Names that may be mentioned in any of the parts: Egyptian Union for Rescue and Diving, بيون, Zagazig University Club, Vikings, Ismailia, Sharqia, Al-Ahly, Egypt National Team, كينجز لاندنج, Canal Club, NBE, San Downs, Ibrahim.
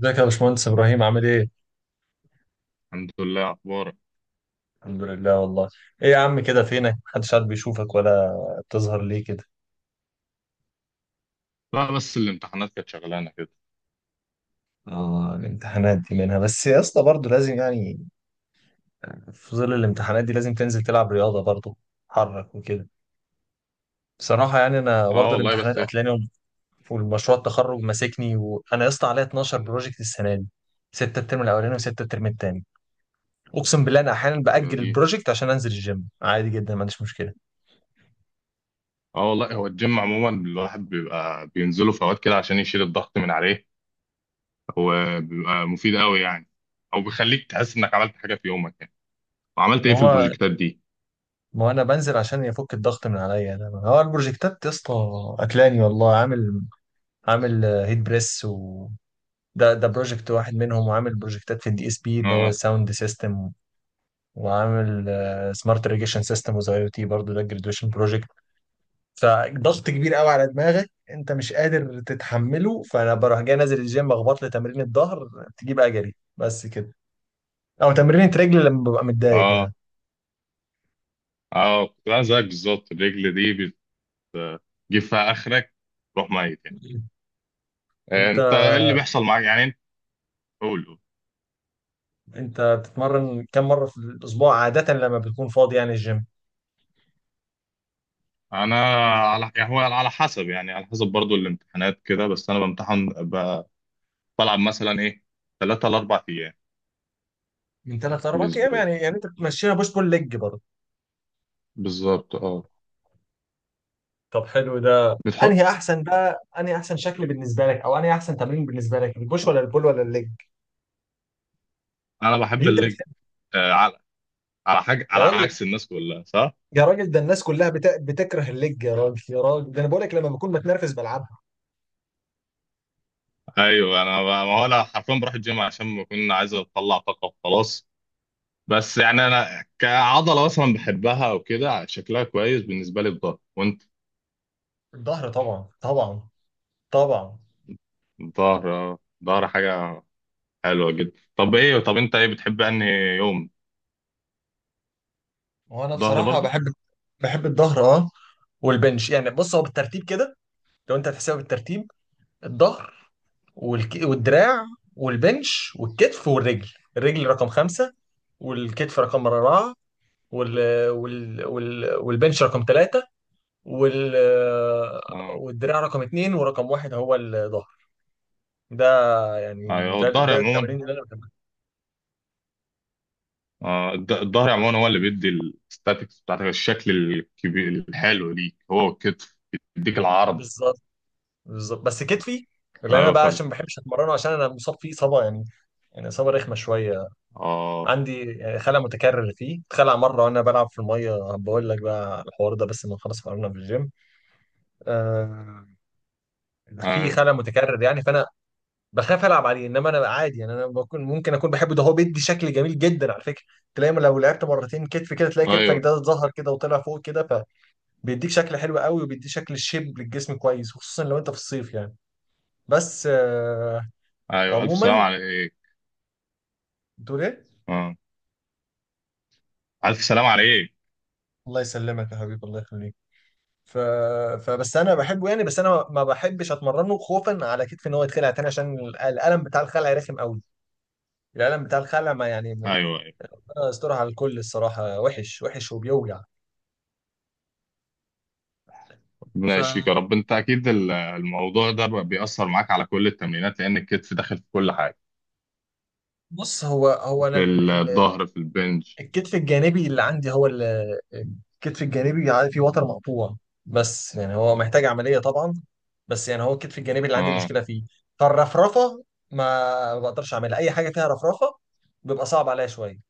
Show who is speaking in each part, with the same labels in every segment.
Speaker 1: ازيك يا باشمهندس ابراهيم، عامل ايه؟
Speaker 2: الحمد لله، اخبارك.
Speaker 1: الحمد لله والله. ايه يا عم كده، فينك؟ محدش قاعد بيشوفك، ولا بتظهر ليه كده؟
Speaker 2: لا بس الامتحانات كانت شغلانه كده.
Speaker 1: اه الامتحانات دي، منها بس يا اسطى برضه لازم يعني، في ظل الامتحانات دي لازم تنزل تلعب رياضة برضه، تحرك وكده. بصراحة يعني انا
Speaker 2: اه
Speaker 1: برضه
Speaker 2: والله
Speaker 1: الامتحانات
Speaker 2: بس ايه.
Speaker 1: قتلاني، والمشروع التخرج ماسكني، وانا يا اسطى عليا 12 بروجكت السنة دي، ستة الترم الاولاني وستة الترم التاني. اقسم بالله انا احيانا
Speaker 2: هي
Speaker 1: باجل
Speaker 2: دي.
Speaker 1: البروجكت عشان انزل الجيم، عادي جدا ما عنديش مشكلة.
Speaker 2: اه والله، هو الجيم عموما الواحد بيبقى بينزله في اوقات كده عشان يشيل الضغط من عليه. هو بيبقى مفيد قوي يعني، او بيخليك تحس انك عملت حاجه في يومك يعني. وعملت
Speaker 1: ما
Speaker 2: ايه في
Speaker 1: هو
Speaker 2: البروجكتات دي؟
Speaker 1: ما هو انا بنزل عشان يفك الضغط من عليا، ده هو البروجكتات يا اسطى اكلاني والله. عامل عامل آه، هيت بريس و ده بروجكت واحد منهم، وعامل بروجكتات في الدي اس بي اللي هو
Speaker 2: اه
Speaker 1: ساوند سيستم، وعامل سمارت ريجيشن سيستم، وزي او تي برضه ده جرادويشن بروجكت. فضغط كبير قوي على دماغك، انت مش قادر تتحمله، فانا بروح جاي نازل الجيم اخبط لي تمرين الظهر، تجيب اجري بس كده، او تمرين رجل لما ببقى متضايق
Speaker 2: اه
Speaker 1: يعني.
Speaker 2: اه كنت انا زيك بالظبط. الرجل دي بتجيب فيها اخرك، تروح ميت يعني.
Speaker 1: انت
Speaker 2: انت ايه اللي بيحصل معاك يعني؟ انت قول.
Speaker 1: انت بتتمرن كم مره في الاسبوع عاده لما بتكون فاضي يعني الجيم؟
Speaker 2: انا على، يعني هو على حسب، يعني على حسب برضو الامتحانات كده. بس انا بامتحن بلعب مثلا ايه ثلاثة لأربع أيام
Speaker 1: من ثلاث
Speaker 2: في
Speaker 1: اربع ايام،
Speaker 2: الأسبوع.
Speaker 1: يعني انت بتمشيها بوش بول ليج برضه؟
Speaker 2: بالظبط اه.
Speaker 1: طب حلو، ده انهي
Speaker 2: بتحط
Speaker 1: احسن بقى؟ انهي احسن شكل بالنسبه لك، او انهي احسن تمرين بالنسبه لك، البوش ولا البول ولا الليج
Speaker 2: أنا بحب
Speaker 1: اللي انت
Speaker 2: الليج،
Speaker 1: بتحبه؟
Speaker 2: آه على على حاجة،
Speaker 1: يا
Speaker 2: على
Speaker 1: راجل،
Speaker 2: عكس الناس كلها صح؟
Speaker 1: ده الناس كلها بتكره الليج يا راجل، ده انا بقول لك لما بكون متنرفز بلعبها.
Speaker 2: أيوه أنا ما هو أنا حرفيا بروح الجيم عشان بكون عايز أطلع طاقة وخلاص. بس يعني أنا كعضلة مثلا بحبها، وكده شكلها كويس بالنسبة لي الظهر. وأنت؟
Speaker 1: الظهر طبعا، طبعا.
Speaker 2: الظهر آه، الظهر حاجة حلوة جدا. طب إيه، طب أنت إيه بتحب أنهي يوم؟
Speaker 1: وانا
Speaker 2: ظهر
Speaker 1: بصراحه
Speaker 2: برضو؟
Speaker 1: بحب الظهر اه، والبنش. يعني بص، هو بالترتيب كده لو انت هتحسبها بالترتيب: الظهر، والدراع، والبنش، والكتف، والرجل. الرجل رقم خمسة، والكتف رقم أربعة، وال... والبنش رقم ثلاثة، وال...
Speaker 2: أه،
Speaker 1: والدراع رقم اتنين، ورقم واحد هو الظهر. ده يعني
Speaker 2: أيوه
Speaker 1: ده
Speaker 2: الظهر
Speaker 1: ده
Speaker 2: عموما.
Speaker 1: التمارين اللي انا بحبها.
Speaker 2: آه، الظهر عموما هو اللي بيدي الستاتكس بتاعتك. الشكل الكبير الحلو ليك هو الكتف، بيديك العرض.
Speaker 1: بالظبط، بس كتفي اللي انا
Speaker 2: ايوه
Speaker 1: بقى
Speaker 2: فاهم.
Speaker 1: عشان ما بحبش اتمرنه، عشان انا مصاب فيه اصابه يعني، اصابه رخمه شويه.
Speaker 2: اه.
Speaker 1: عندي يعني خلع متكرر فيه، اتخلع مره وانا بلعب في الميه، بقول لك بقى على الحوار ده، بس ما خلاص قررنا في الجيم. آه في
Speaker 2: ايوه
Speaker 1: خلل متكرر يعني، فانا بخاف العب عليه. انما انا عادي يعني، انا ممكن اكون بحبه، ده هو بيدي شكل جميل جدا على فكره. تلاقي لو لعبت مرتين كتف كده، تلاقي كتفك
Speaker 2: ايوه.
Speaker 1: ده اتظهر كده وطلع فوق كده، فبيديك شكل حلو قوي، وبيديك شكل شيب للجسم كويس خصوصا لو انت في الصيف يعني. بس
Speaker 2: ايوه الف سلام
Speaker 1: عموما،
Speaker 2: عليك.
Speaker 1: بتقول ايه؟
Speaker 2: اه، الف سلام عليك.
Speaker 1: الله يسلمك يا حبيبي، الله يخليك. ف... فبس انا بحبه يعني، بس انا ما بحبش اتمرنه خوفا على كتفي ان هو يتخلع تاني، عشان الالم بتاع الخلع رخم قوي. الالم بتاع الخلع ما يعني
Speaker 2: ايوه ايوه.
Speaker 1: أنا استراحة على الكل، الصراحة وحش وحش وبيوجع. ف
Speaker 2: ربنا يشفيك يا رب. انت اكيد الموضوع ده بقى بيأثر معاك على كل التمرينات، لان الكتف داخل في كل حاجه.
Speaker 1: بص هو هو انا
Speaker 2: في الظهر، في البنج.
Speaker 1: الكتف الجانبي اللي عندي، هو الكتف الجانبي فيه وتر مقطوع. بس يعني هو محتاج عملية طبعا، بس يعني هو الكتف الجانبي اللي عندي
Speaker 2: اه.
Speaker 1: المشكلة فيه. فالرفرفة، ما بقدرش اعملها، اي حاجة فيها رفرفة بيبقى صعب عليا شوية،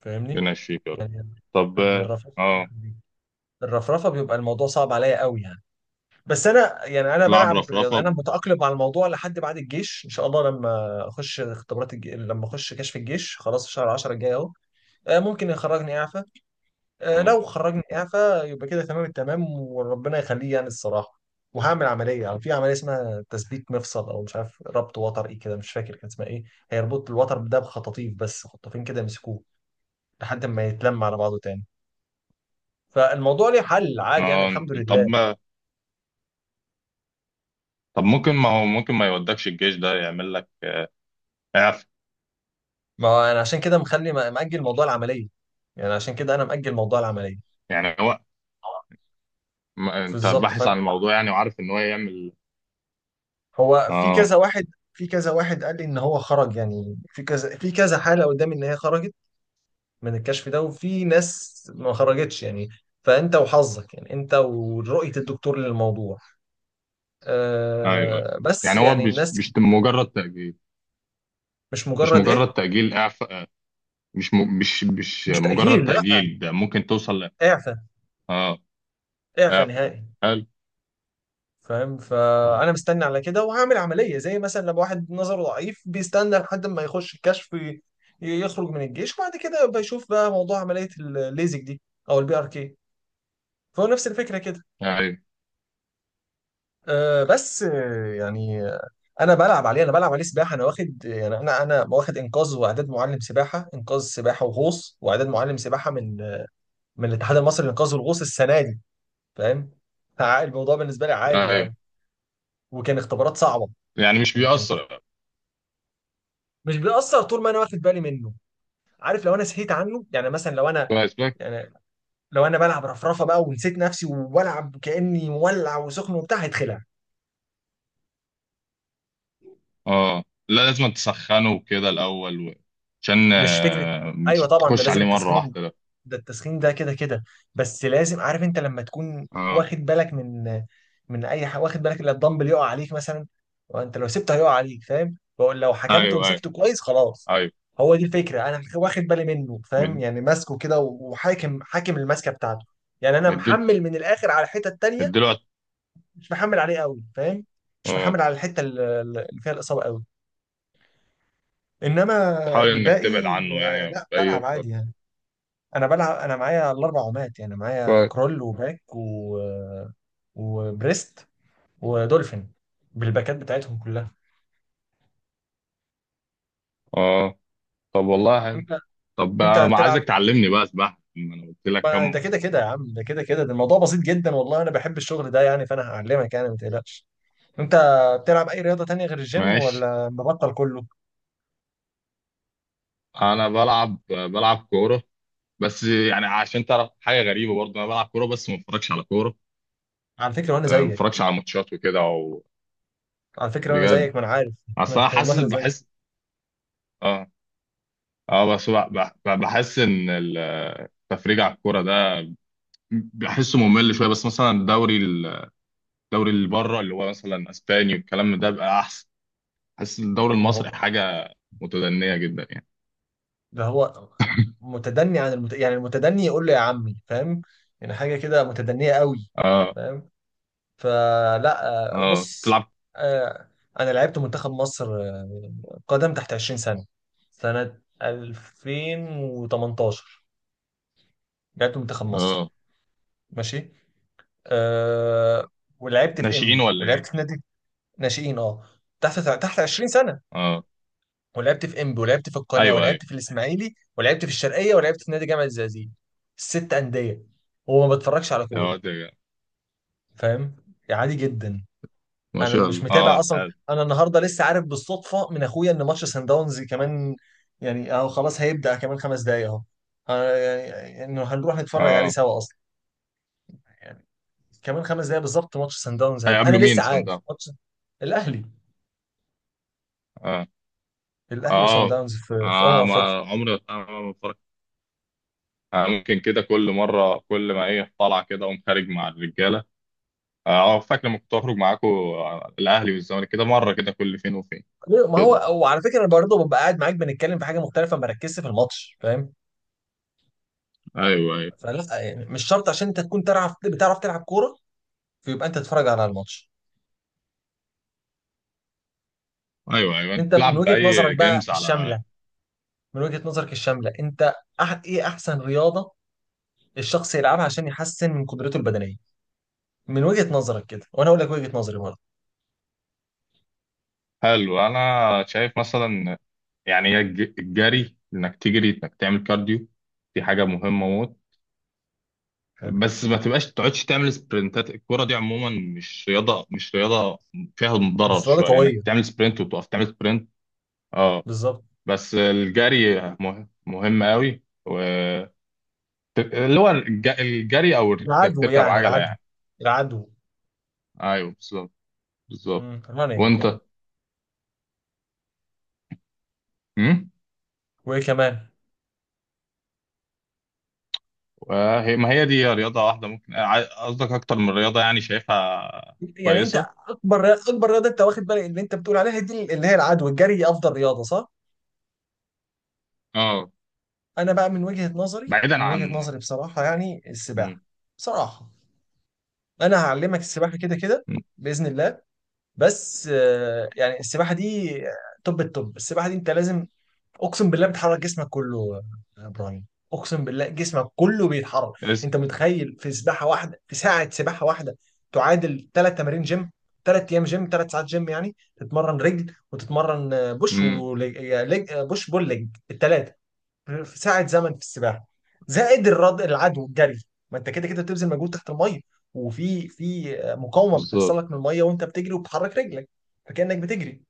Speaker 1: فاهمني
Speaker 2: ربنا يشفيك يا رب.
Speaker 1: يعني.
Speaker 2: طب اه،
Speaker 1: الرفرفة
Speaker 2: آه،
Speaker 1: الرفرفة بيبقى الموضوع صعب عليا قوي يعني. بس انا يعني، انا
Speaker 2: تلعب
Speaker 1: بلعب رياضة،
Speaker 2: رفرفه
Speaker 1: انا متاقلم مع الموضوع لحد بعد الجيش ان شاء الله. لما اخش لما اخش كشف الجيش خلاص، في شهر 10 الجاي اهو، ممكن يخرجني اعفى.
Speaker 2: اه
Speaker 1: لو خرجني اعفى يبقى كده تمام التمام، وربنا يخليه يعني الصراحه. وهعمل عمليه، يعني في عمليه اسمها تثبيت مفصل، او مش عارف ربط وتر ايه كده، مش فاكر كان اسمها ايه. هيربط الوتر ده بخطاطيف، بس خطافين كده يمسكوه لحد ما يتلم على بعضه تاني. فالموضوع ليه حل عادي يعني،
Speaker 2: آه،
Speaker 1: الحمد لله.
Speaker 2: طب طب ممكن، ما هو ممكن ما يودكش الجيش ده، يعمل لك اعف.
Speaker 1: ما هو انا عشان كده مخلي مأجل موضوع العمليه، يعني عشان كده انا مأجل موضوع العمليه.
Speaker 2: يعني هو، ما انت
Speaker 1: بالظبط
Speaker 2: باحث
Speaker 1: فاهم.
Speaker 2: عن الموضوع يعني، وعارف ان هو يعمل.
Speaker 1: هو في
Speaker 2: اه.
Speaker 1: كذا واحد، قال لي ان هو خرج يعني، في كذا حاله قدامي ان هي خرجت من الكشف ده، وفي ناس ما خرجتش يعني. فانت وحظك يعني، انت ورؤيه الدكتور للموضوع.
Speaker 2: ايوه.
Speaker 1: أه بس
Speaker 2: يعني هو
Speaker 1: يعني
Speaker 2: مش
Speaker 1: الناس
Speaker 2: مش
Speaker 1: كتير.
Speaker 2: مجرد تأجيل.
Speaker 1: مش
Speaker 2: مش
Speaker 1: مجرد ايه،
Speaker 2: مجرد تأجيل، اعفاء. مش م... مش مش
Speaker 1: مش
Speaker 2: مجرد
Speaker 1: تأجيل لا،
Speaker 2: تأجيل، ده ممكن توصل ل...
Speaker 1: اعفى،
Speaker 2: اه.
Speaker 1: اعفى
Speaker 2: اعفاء،
Speaker 1: نهائي
Speaker 2: حلو.
Speaker 1: فاهم. فانا مستني على كده وهعمل عمليه، زي مثلا لما واحد نظره ضعيف بيستنى لحد ما يخش الكشف، يخرج من الجيش، وبعد كده بيشوف بقى موضوع عمليه الليزك دي او البي ار كي. فهو نفس الفكره كده.
Speaker 2: ايوه
Speaker 1: أه بس انا بلعب عليه، سباحه. انا واخد يعني، انا واخد انقاذ واعداد معلم سباحه، انقاذ سباحه وغوص، واعداد معلم سباحه من من الاتحاد المصري للانقاذ والغوص السنه دي، فاهم. الموضوع بالنسبه لي عادي
Speaker 2: ايوه،
Speaker 1: يعني، وكان اختبارات صعبه
Speaker 2: يعني مش
Speaker 1: يعني
Speaker 2: بيأثر.
Speaker 1: مش بيأثر طول ما انا واخد بالي منه. عارف، لو انا سهيت عنه يعني، مثلا لو انا
Speaker 2: كويس بك.
Speaker 1: يعني، لو انا بلعب رفرفه بقى ونسيت نفسي، وبلعب كأني مولع وسخن وبتاع، هيتخلع
Speaker 2: اه لا، لازم تسخنه كده الاول و... عشان
Speaker 1: مش فكره.
Speaker 2: آه،
Speaker 1: ايوه
Speaker 2: مش
Speaker 1: طبعا ده
Speaker 2: تخش
Speaker 1: لازم
Speaker 2: عليه مرة
Speaker 1: التسخين،
Speaker 2: واحدة ده.
Speaker 1: ده التسخين ده كده كده. بس لازم، عارف انت لما تكون
Speaker 2: اه
Speaker 1: واخد بالك من، من اي حاجه، واخد بالك ان الدمبل يقع عليك مثلا، وانت لو سبته هيقع عليك، فاهم؟ بقول لو حكمته
Speaker 2: ايوه ايوه.
Speaker 1: ومسكته كويس خلاص،
Speaker 2: ايوه.
Speaker 1: هو دي الفكره. انا واخد بالي منه، فاهم
Speaker 2: مد-
Speaker 1: يعني، ماسكه كده، وحاكم الماسكه بتاعته. يعني انا محمل من الاخر على الحته التانيه،
Speaker 2: مديله.
Speaker 1: مش محمل عليه قوي، فاهم؟ مش
Speaker 2: اه،
Speaker 1: محمل على الحته اللي فيها الاصابه قوي، انما
Speaker 2: تحاول انك
Speaker 1: الباقي
Speaker 2: تبعد عنه يعني
Speaker 1: لا
Speaker 2: باي
Speaker 1: بلعب عادي
Speaker 2: طريقه.
Speaker 1: يعني. انا بلعب، انا معايا الاربع عمات، يعني معايا
Speaker 2: كويس.
Speaker 1: كرول وباك و... وبريست ودولفين، بالباكات بتاعتهم كلها.
Speaker 2: اه. طب والله حلو.
Speaker 1: انت
Speaker 2: طب
Speaker 1: انت
Speaker 2: بقى ما
Speaker 1: هتلعب،
Speaker 2: عايزك تعلمني بقى سباحه، ما انا قلت لك
Speaker 1: ما
Speaker 2: كم.
Speaker 1: ده كده كده يا عم، ده كده كده، ده الموضوع بسيط جدا والله، انا بحب الشغل ده يعني، فانا هعلمك يعني ما تقلقش. انت بتلعب اي رياضة تانية غير الجيم
Speaker 2: ماشي.
Speaker 1: ولا مبطل كله؟
Speaker 2: انا بلعب كوره بس. يعني عشان تعرف حاجه غريبه برضه، انا بلعب كوره بس ما بتفرجش على كوره.
Speaker 1: على فكرة، وانا
Speaker 2: آه، ما
Speaker 1: زيك.
Speaker 2: بتفرجش على ماتشات وكده او. بجد؟
Speaker 1: ما انا عارف ما
Speaker 2: اصل انا
Speaker 1: أنا-
Speaker 2: حاسس،
Speaker 1: والله انا زيك.
Speaker 2: بحس، اه، اه بس بحس ان التفريج على الكوره ده بحسه ممل شويه. بس مثلا الدوري اللي بره، اللي هو مثلا اسباني والكلام ده، بقى احسن. حاسس ان الدوري
Speaker 1: ما
Speaker 2: المصري
Speaker 1: هو
Speaker 2: حاجه متدنيه جدا يعني.
Speaker 1: ده هو متدني عن يعني المتدني يقول له يا عمي، فاهم؟ يعني حاجة كده متدنية قوي،
Speaker 2: اه.
Speaker 1: فاهم؟ فلا،
Speaker 2: اه
Speaker 1: بص،
Speaker 2: تلعب.
Speaker 1: آه، انا لعبت منتخب مصر، قدم، تحت 20 سنة، سنة 2018 لعبت منتخب مصر،
Speaker 2: اه
Speaker 1: ماشي. أه ولعبت في
Speaker 2: ناشئين
Speaker 1: انبي،
Speaker 2: ولا
Speaker 1: ولعبت في
Speaker 2: ايه؟
Speaker 1: نادي ناشئين اه، تحت 20 سنة.
Speaker 2: اه.
Speaker 1: ولعبت في انبي، ولعبت في القناة،
Speaker 2: ايوه ايوه.
Speaker 1: ولعبت في الاسماعيلي، ولعبت في الشرقية، ولعبت في نادي جامعة الزقازيق. ست أندية، وما بتفرجش على
Speaker 2: يا
Speaker 1: كورة،
Speaker 2: واد جدع.
Speaker 1: فاهم؟ يعني عادي جدا،
Speaker 2: ما
Speaker 1: انا
Speaker 2: شاء
Speaker 1: مش
Speaker 2: الله،
Speaker 1: متابع
Speaker 2: اه
Speaker 1: اصلا.
Speaker 2: حلو.
Speaker 1: انا النهارده لسه عارف بالصدفه من اخويا ان ماتش سان داونز كمان يعني اهو خلاص هيبدا كمان خمس دقايق اهو. أنا يعني انه هنروح نتفرج عليه
Speaker 2: اه.
Speaker 1: سوا اصلا، يعني كمان خمس دقايق بالظبط ماتش سان داونز هيبدا، انا
Speaker 2: هيقابلوا مين
Speaker 1: لسه
Speaker 2: صن
Speaker 1: عارف
Speaker 2: داونز؟
Speaker 1: ماتش الاهلي.
Speaker 2: اه.
Speaker 1: الاهلي وسان
Speaker 2: اه
Speaker 1: داونز في
Speaker 2: آه،
Speaker 1: افريقيا.
Speaker 2: ما عمري، آه، ما بتفرج. آه، ممكن كده كل مره كل ما ايه طالع كده، اقوم خارج مع الرجاله. اه آه، فاكر لما كنت اخرج معاكم الاهلي والزمالك كده، مره كده كل فين وفين.
Speaker 1: ليه؟ ما
Speaker 2: كده.
Speaker 1: هو وعلى فكره انا برضه ببقى قاعد معاك بنتكلم في حاجه مختلفه، ما ركزش في الماتش، فاهم؟
Speaker 2: ايوه ايوه.
Speaker 1: فلا يعني مش شرط عشان انت تكون تعرف، بتعرف تلعب كوره فيبقى انت تتفرج على الماتش.
Speaker 2: ايوه ايوه. انت
Speaker 1: انت من
Speaker 2: بتلعب
Speaker 1: وجهه نظرك
Speaker 2: باي
Speaker 1: بقى
Speaker 2: جيمز على.
Speaker 1: الشامله، من وجهة نظرك الشاملة انت، أح ايه احسن رياضة الشخص يلعبها عشان يحسن من قدرته البدنية؟ من وجهة نظرك كده، وانا اقول لك وجهة نظري برضه.
Speaker 2: حلو. انا شايف مثلا يعني الجري، انك تجري، انك تعمل كارديو، دي حاجه مهمه موت.
Speaker 1: حلو.
Speaker 2: بس ما تبقاش تقعدش تعمل سبرنتات. الكوره دي عموما مش رياضه، مش رياضه، فيها ضرر
Speaker 1: مش رياضة
Speaker 2: شويه انك
Speaker 1: قوية،
Speaker 2: تعمل سبرنت وتقف تعمل سبرنت. اه.
Speaker 1: بالظبط.
Speaker 2: بس الجري مهم قوي. و اللي هو الجري او انك
Speaker 1: العدو
Speaker 2: تركب
Speaker 1: يعني،
Speaker 2: عجله
Speaker 1: العدو
Speaker 2: يعني.
Speaker 1: العدو
Speaker 2: ايوه بالظبط. بالظبط.
Speaker 1: رانينج يعني،
Speaker 2: وانت.
Speaker 1: وايه كمان؟
Speaker 2: وهي، ما هي دي رياضة واحدة، ممكن قصدك أكتر من رياضة يعني، شايفها
Speaker 1: يعني انت،
Speaker 2: كويسة.
Speaker 1: اكبر رياضة انت واخد بالك اللي انت بتقول عليها دي، اللي هي العدو الجري، دي افضل رياضة صح؟
Speaker 2: اه.
Speaker 1: انا بقى من وجهة نظري،
Speaker 2: بعيدا عن.
Speaker 1: بصراحة يعني
Speaker 2: مم.
Speaker 1: السباحة، بصراحة. انا هعلمك السباحة كده كده
Speaker 2: مم.
Speaker 1: بإذن الله. بس السباحه دي توب التوب. السباحه دي انت لازم، اقسم بالله بتحرك جسمك كله يا ابراهيم، اقسم بالله جسمك كله بيتحرك.
Speaker 2: اس
Speaker 1: انت متخيل؟ في سباحه واحده، في ساعه سباحه واحده، تعادل ثلاث تمارين جيم، ثلاث ايام جيم، ثلاث ساعات جيم، يعني تتمرن رجل، وتتمرن آه، بوش
Speaker 2: مم.
Speaker 1: ولج... آه، لج... آه، بوش بول ليج الثلاثه في ساعة زمن في السباحة، زائد الرد، العدو والجري، ما انت كده كده بتبذل مجهود تحت المية، وفي مقاومة بتحصل
Speaker 2: بالظبط.
Speaker 1: لك من المية وانت بتجري وبتحرك رجلك، فكأنك بتجري.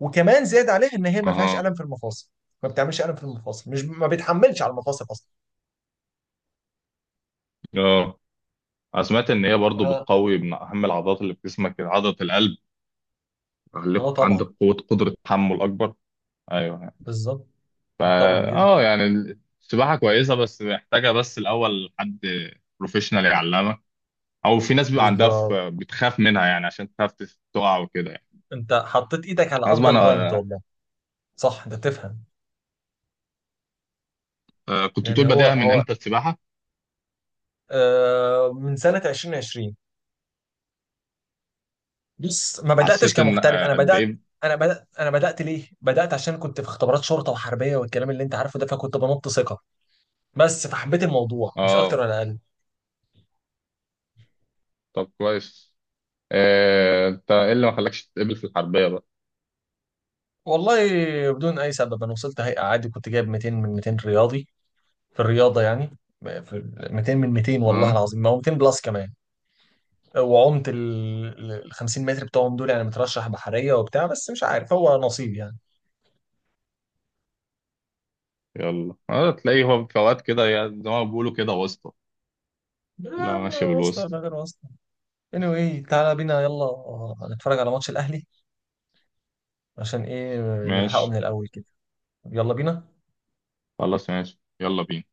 Speaker 1: وكمان زاد عليها ان هي ما فيهاش
Speaker 2: اها.
Speaker 1: ألم في المفاصل، ما بتعملش ألم في المفاصل، مش ما بتحملش على المفاصل أصلا.
Speaker 2: اه أنا سمعت إن هي برضو
Speaker 1: اه،
Speaker 2: بتقوي من أهم العضلات اللي في جسمك، عضلة القلب،
Speaker 1: آه
Speaker 2: يخليك عندك
Speaker 1: طبعا،
Speaker 2: قوة، قدرة تحمل أكبر. أيوه.
Speaker 1: بالظبط،
Speaker 2: فا.
Speaker 1: طبعا جدا،
Speaker 2: اه يعني السباحة كويسة بس محتاجة، بس الأول حد بروفيشنال يعلمك، أو في ناس بيبقى عندها
Speaker 1: بالظبط.
Speaker 2: بتخاف منها يعني، عشان تخاف تقع وكده يعني.
Speaker 1: انت حطيت ايدك على
Speaker 2: غصب
Speaker 1: افضل بوينت
Speaker 2: عنها.
Speaker 1: والله، صح انت تفهم.
Speaker 2: آه كنت
Speaker 1: يعني
Speaker 2: بتقول
Speaker 1: هو
Speaker 2: بادئها من
Speaker 1: هو
Speaker 2: امتى السباحه،
Speaker 1: من سنة 2020، بص ما بداتش
Speaker 2: حسيت ان
Speaker 1: كمحترف.
Speaker 2: آه قد ايه.
Speaker 1: انا بدات، ليه بدات؟ عشان كنت في اختبارات شرطه وحربيه والكلام اللي انت عارفه ده، فكنت بنط ثقه بس، فحبيت الموضوع مش اكتر
Speaker 2: اه.
Speaker 1: ولا اقل.
Speaker 2: طب كويس. آه انت ايه اللي ما خلاكش تتقبل في الحربيه بقى؟
Speaker 1: والله بدون اي سبب، انا وصلت هيئه عادي، كنت جايب 200 من 200 رياضي، في الرياضه يعني، في 200 من 200 والله
Speaker 2: اه.
Speaker 1: العظيم، ما هو 200 بلس كمان، وعمت ال 50 متر بتوعهم دول يعني، مترشح بحريه وبتاع، بس مش عارف هو نصيب يعني.
Speaker 2: يلا، اه تلاقيه هو فوات كده زي ما بيقولوا كده، واسطه.
Speaker 1: يا
Speaker 2: لا
Speaker 1: عم،
Speaker 2: ماشيه
Speaker 1: واسطه
Speaker 2: بالوسط.
Speaker 1: ولا غير واسطه، anyway تعالى بينا، يلا نتفرج على ماتش الاهلي، عشان ايه نلحقه من
Speaker 2: ماشي.
Speaker 1: الاول كده. يلا بينا.
Speaker 2: خلاص ماشي، يلا بينا.